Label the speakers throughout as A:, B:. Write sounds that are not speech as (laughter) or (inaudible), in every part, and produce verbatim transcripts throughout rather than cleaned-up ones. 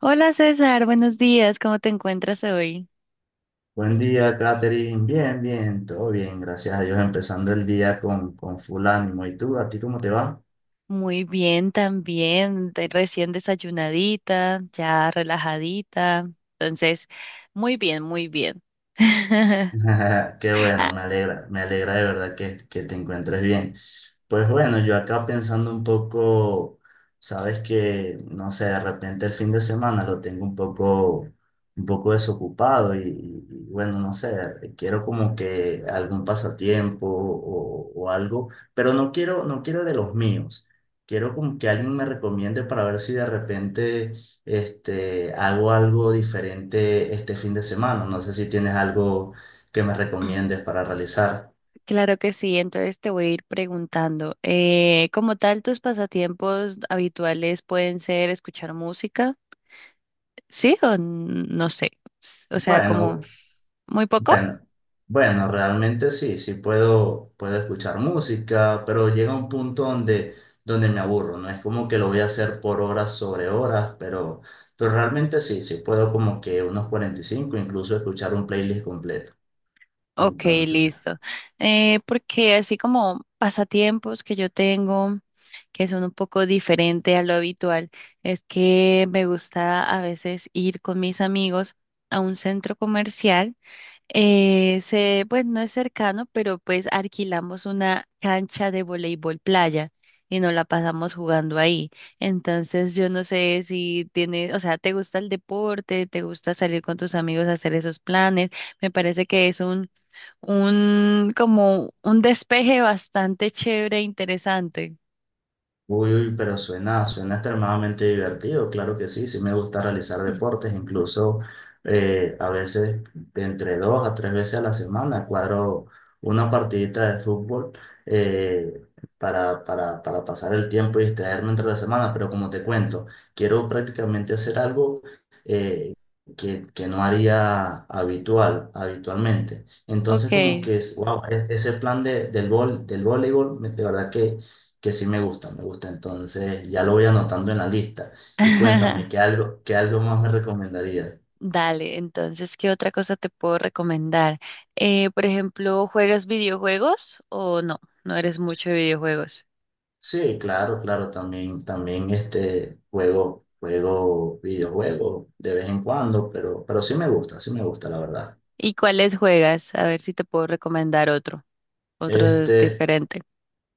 A: Hola César, buenos días, ¿cómo te encuentras hoy?
B: Buen día, Katherine. Bien, bien, todo bien, gracias a Dios, empezando el día con, con full ánimo. ¿Y tú, a ti cómo te va?
A: Muy bien también, de- recién desayunadita, ya relajadita, entonces, muy bien, muy bien. (laughs)
B: (laughs) Qué
A: Ah,
B: bueno, me alegra, me alegra de verdad que, que te encuentres bien. Pues bueno, yo acá pensando un poco, sabes que, no sé, de repente el fin de semana lo tengo un poco, un poco desocupado y, y bueno, no sé, quiero como que algún pasatiempo o, o algo, pero no quiero, no quiero de los míos. Quiero como que alguien me recomiende para ver si de repente este, hago algo diferente este fin de semana. No sé si tienes algo que me recomiendes para realizar.
A: claro que sí, entonces te voy a ir preguntando, eh, como tal, tus pasatiempos habituales pueden ser escuchar música, ¿sí? O n- no sé, s- o sea, como
B: Bueno,
A: muy poco.
B: bueno, bueno, realmente sí, sí puedo, puedo escuchar música, pero llega un punto donde, donde me aburro, no es como que lo voy a hacer por horas sobre horas, pero, pero realmente sí, sí puedo como que unos cuarenta y cinco, incluso escuchar un playlist completo.
A: Ok,
B: Entonces,
A: listo. Eh, porque así como pasatiempos que yo tengo, que son un poco diferente a lo habitual, es que me gusta a veces ir con mis amigos a un centro comercial. Eh, se, pues no es cercano, pero pues alquilamos una cancha de voleibol playa y nos la pasamos jugando ahí. Entonces yo no sé si tienes, o sea, ¿te gusta el deporte? ¿Te gusta salir con tus amigos a hacer esos planes? Me parece que es un un como un despeje bastante chévere e interesante.
B: uy, uy, pero suena, suena extremadamente divertido, claro que sí, sí me gusta realizar deportes, incluso eh, a veces de entre dos a tres veces a la semana cuadro una partidita de fútbol eh, para, para, para pasar el tiempo y distraerme entre la semana, pero como te cuento, quiero prácticamente hacer algo eh, que, que no haría habitual, habitualmente. Entonces como
A: Ok.
B: que, wow, ese plan de, del, vol, del voleibol, me- de verdad que que sí me gusta, me gusta. Entonces ya lo voy anotando en la lista. Y cuéntame,
A: (laughs)
B: ¿qué algo, qué algo más me recomendarías?
A: Dale, entonces, ¿qué otra cosa te puedo recomendar? Eh, por ejemplo, ¿juegas videojuegos o no? No eres mucho de videojuegos.
B: Sí, claro, claro, también, también este juego, juego videojuego de vez en cuando, pero, pero sí me gusta, sí me gusta, la verdad.
A: ¿Y cuáles juegas? A ver si te puedo recomendar otro, otro
B: Este,
A: diferente.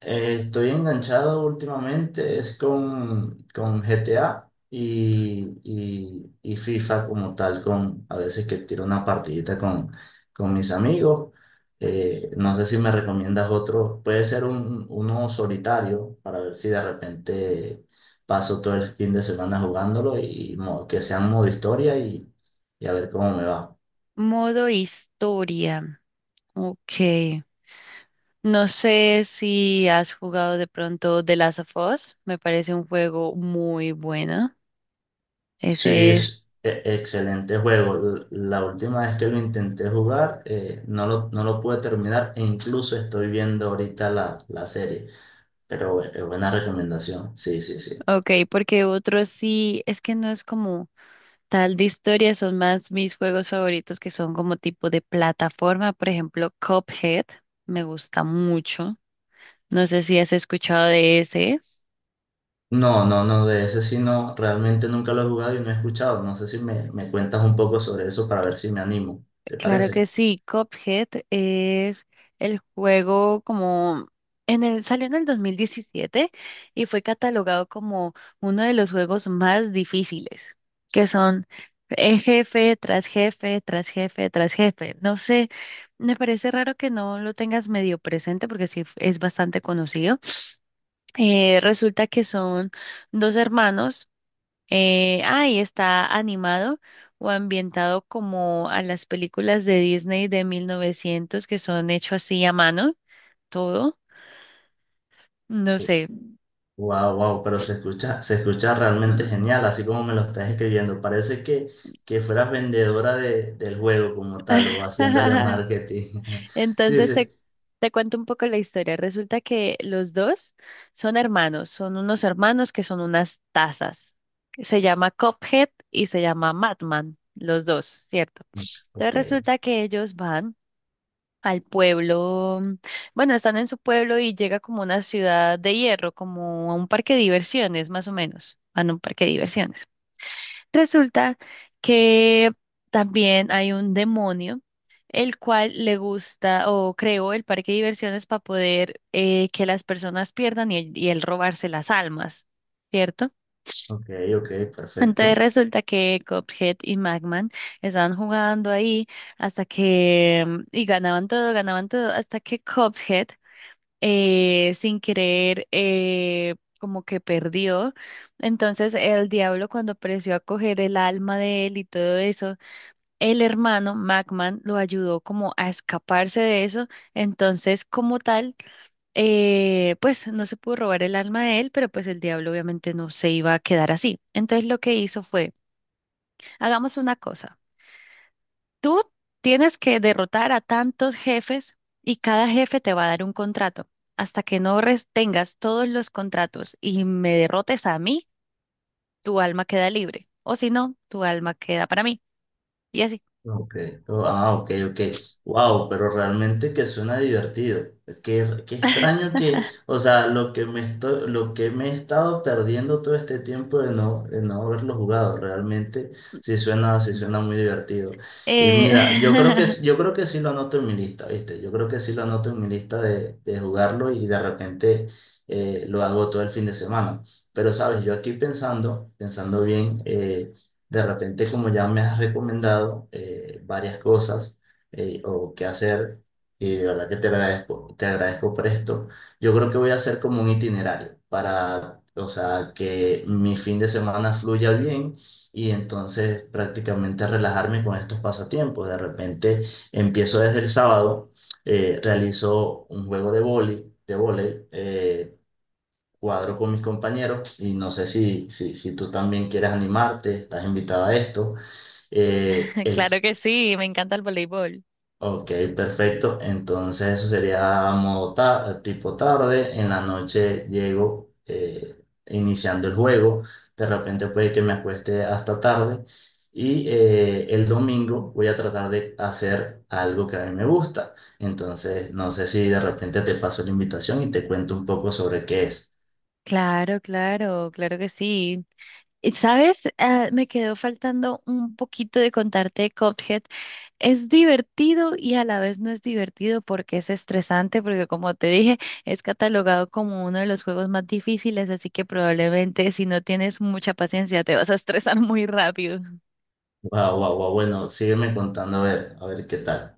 B: Eh, estoy enganchado últimamente, es con, con G T A y, y- y FIFA como tal, con a veces que tiro una partidita con, con mis amigos. Eh, no sé si me recomiendas otro, puede ser un, uno solitario para ver si de repente paso todo el fin de semana jugándolo y, mo- que sea un modo historia y, y a ver cómo me va.
A: Modo historia. Ok. No sé si has jugado de pronto The Last of Us. Me parece un juego muy bueno.
B: Sí,
A: Ese es,
B: es e- excelente juego. L- La última vez que lo intenté jugar, eh, no lo, no lo pude terminar e incluso estoy viendo ahorita la, la serie. Pero bu- eh, buena recomendación. Sí, sí, sí.
A: ok, porque otros sí, es que no es como tal de historia, son más mis juegos favoritos que son como tipo de plataforma, por ejemplo, Cuphead, me gusta mucho. No sé si has escuchado de ese.
B: No, no, no, de ese sí no, realmente nunca lo he jugado y no he escuchado. No sé si me, me cuentas un poco sobre eso para ver si me animo. ¿Te
A: Claro que
B: parece?
A: sí, Cuphead es el juego como en el, salió en el dos mil diecisiete y fue catalogado como uno de los juegos más difíciles, que son eh, jefe tras jefe, tras jefe, tras jefe. No sé, me parece raro que no lo tengas medio presente porque sí es bastante conocido. Eh, resulta que son dos hermanos. Eh, ahí está animado o ambientado como a las películas de Disney de mil novecientos que son hechos así a mano, todo, no sé.
B: Wow, wow, pero se escucha, se escucha realmente
A: Mm.
B: genial, así como me lo estás escribiendo. Parece que, que fueras vendedora de, del juego como tal o haciéndole
A: (laughs)
B: marketing. (laughs) Sí,
A: Entonces
B: sí.
A: te, te cuento un poco la historia. Resulta que los dos son hermanos, son unos hermanos que son unas tazas. Se llama Cuphead y se llama Madman, los dos, ¿cierto? Entonces
B: Ok,
A: resulta que ellos van al pueblo, mm, bueno, están en su pueblo y llega como una ciudad de hierro, como a un parque de diversiones, más o menos, van a un parque de diversiones. Resulta que también hay un demonio, el cual le gusta o creó el parque de diversiones para poder eh, que las personas pierdan y, y él robarse las almas, ¿cierto?
B: ok, ok,
A: Entonces
B: perfecto.
A: resulta que Cuphead y Magman estaban jugando ahí hasta que, mm, y ganaban todo, ganaban todo, hasta que Cuphead eh, sin querer eh, como que perdió. Entonces el diablo cuando apreció a coger el alma de él y todo eso, el hermano Macman lo ayudó como a escaparse de eso. Entonces como tal, eh, pues no se pudo robar el alma de él, pero pues el diablo obviamente no se iba a quedar así. Entonces lo que hizo fue, hagamos una cosa. Tú tienes que derrotar a tantos jefes y cada jefe te va a dar un contrato. Hasta que no res- tengas todos los contratos y me derrotes a mí, tu alma queda libre. O si no, tu alma queda para mí. Y así.
B: Ok, oh, ah, ok, ok. Wow, pero realmente que suena divertido. Qué, qué extraño que, o sea, lo que me estoy, lo que me he estado perdiendo todo este tiempo de no, de no haberlo jugado, realmente sí suena, sí
A: Mm.
B: suena muy divertido. Y
A: Eh,
B: mira, yo creo que, s- yo creo que sí lo anoto en mi lista, ¿viste? Yo creo que sí lo anoto en mi lista de, de jugarlo y de repente eh, lo hago todo el fin de semana. Pero sabes, yo aquí pensando, pensando bien, eh, de repente, como ya me has recomendado eh, varias cosas eh, o qué hacer, y de verdad que te agradezco, te agradezco por esto, yo creo que voy a hacer como un itinerario para, o sea, que mi fin de semana fluya bien y entonces prácticamente relajarme con estos pasatiempos. De repente empiezo desde el sábado, eh, realizo un juego de vóley, de vóley, cuadro con mis compañeros y no sé si, si, si tú también quieres animarte, estás invitado a esto. Eh,
A: (laughs)
B: el-
A: claro que sí, me encanta el voleibol.
B: ok, perfecto. Entonces eso sería modo ta- tipo tarde. En la noche llego eh, iniciando el juego. De repente puede que me acueste hasta tarde. Y eh, el domingo voy a tratar de hacer algo que a mí me gusta. Entonces, no sé si de repente te paso la invitación y te cuento un poco sobre qué es.
A: Claro, claro, claro que sí. Y, ¿sabes? Ah, me quedó faltando un poquito de contarte de Cuphead. Es divertido y a la vez no es divertido porque es estresante, porque como te dije, es catalogado como uno de los juegos más difíciles, así que probablemente si no tienes mucha paciencia te vas a estresar muy rápido.
B: Wow, wow, wow. Bueno, sígueme contando a ver, a ver qué tal.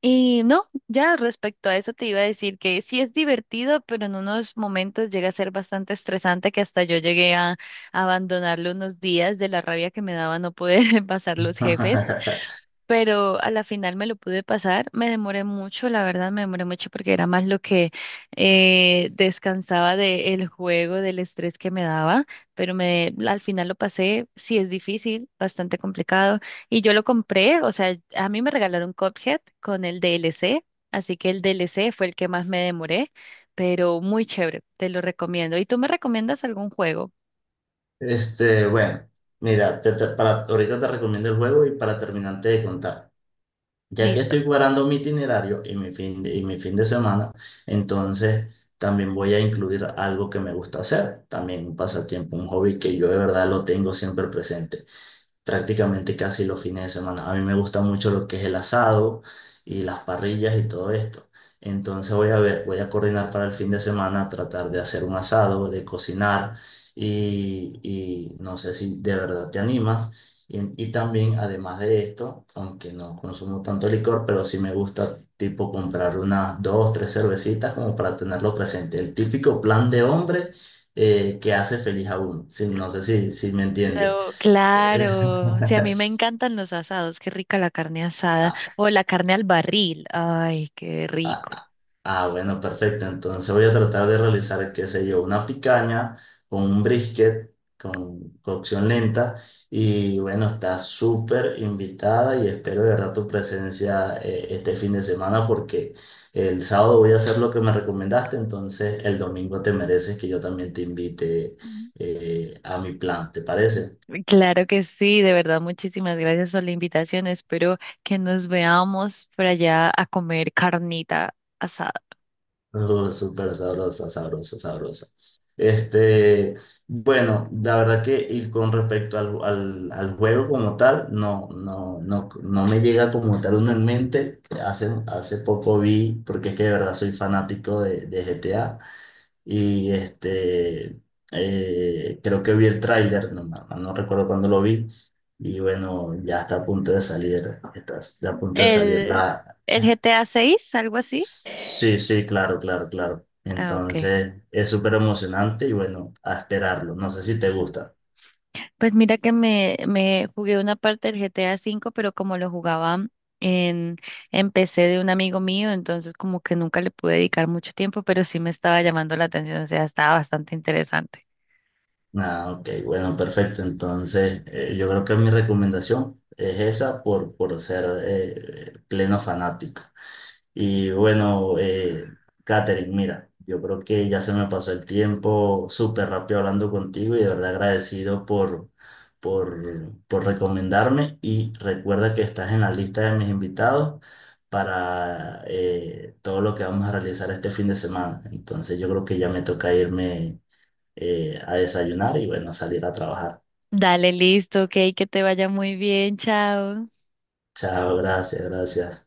A: Y no, ya respecto a eso te iba a decir que sí es divertido, pero en unos momentos llega a ser bastante estresante que hasta yo llegué a abandonarlo unos días de la rabia que me daba no poder (laughs) pasar los jefes.
B: (laughs)
A: Pero a la final me lo pude pasar. Me demoré mucho, la verdad, me demoré mucho porque era más lo que eh, descansaba del juego, del estrés que me daba, pero me, al final lo pasé. Sí, es difícil, bastante complicado. Y yo lo compré, o sea, a mí me regalaron Cuphead con el D L C, así que el D L C fue el que más me demoré, pero muy chévere, te lo recomiendo. ¿Y tú me recomiendas algún juego?
B: Este, bueno, mira, te- te- para, ahorita te recomiendo el juego y para terminarte de contar. Ya que
A: Listo.
B: estoy cuadrando mi itinerario y mi fin de, y mi fin de semana, entonces también voy a incluir algo que me gusta hacer, también un pasatiempo, un hobby que yo de verdad lo tengo siempre presente. Prácticamente casi los fines de semana. A mí me gusta mucho lo que es el asado y las parrillas y todo esto. Entonces voy a ver, voy a coordinar para el fin de semana, tratar de hacer un asado, de cocinar y, y no sé si de verdad te animas. Y, y también, además de esto, aunque no consumo tanto licor, pero sí me gusta tipo comprar unas dos, tres cervecitas como para tenerlo presente. El típico plan de hombre eh, que hace feliz a uno. Sí, no sé si, si me entiendes.
A: No, claro. Sí, a mí me
B: (laughs)
A: encantan los asados. Qué rica la carne asada.
B: Ah,
A: O la carne al barril. Ay, qué
B: ah,
A: rico.
B: ah, ah, bueno, perfecto. Entonces voy a tratar de realizar, qué sé yo, una picaña con un brisket, con cocción lenta. Y bueno, está súper invitada y espero de verdad tu presencia eh, este fin de semana porque el sábado voy a hacer lo que me recomendaste. Entonces el domingo te mereces que yo también te invite
A: Mm.
B: eh, a mi plan, ¿te parece?
A: Claro que sí, de verdad, muchísimas gracias por la invitación. Espero que nos veamos por allá a comer carnita asada.
B: (laughs) Uh, súper sabrosa, sabrosa, sabrosa. Este, bueno, la verdad que y con respecto al, al, al juego como tal, no, no, no, no me llega como tal uno en mente. Hace, hace poco vi, porque es que de verdad soy fanático de, de G T A, y este, eh, creo que vi el tráiler, no, no no recuerdo cuándo lo vi, y bueno, ya está a punto de salir, está, está a punto de salir.
A: El, el G T A seis, algo así.
B: Sí, sí, claro, claro, claro.
A: Ah, ok.
B: Entonces es súper emocionante y bueno, a esperarlo. No sé si te gusta.
A: Pues mira que me, me jugué una parte del G T A V, pero como lo jugaba en, en P C de un amigo mío, entonces como que nunca le pude dedicar mucho tiempo, pero sí me estaba llamando la atención, o sea, estaba bastante interesante.
B: Ah, ok, bueno, perfecto. Entonces eh, yo creo que mi recomendación es esa por, por ser eh, pleno fanático. Y bueno, eh, Katherine, mira, yo creo que ya se me pasó el tiempo súper rápido hablando contigo y de verdad agradecido por, por, por recomendarme. Y recuerda que estás en la lista de mis invitados para eh, todo lo que vamos a realizar este fin de semana. Entonces yo creo que ya me toca irme eh, a desayunar y bueno, a salir a trabajar.
A: Dale, listo, ok, que te vaya muy bien, chao.
B: Chao, gracias, gracias.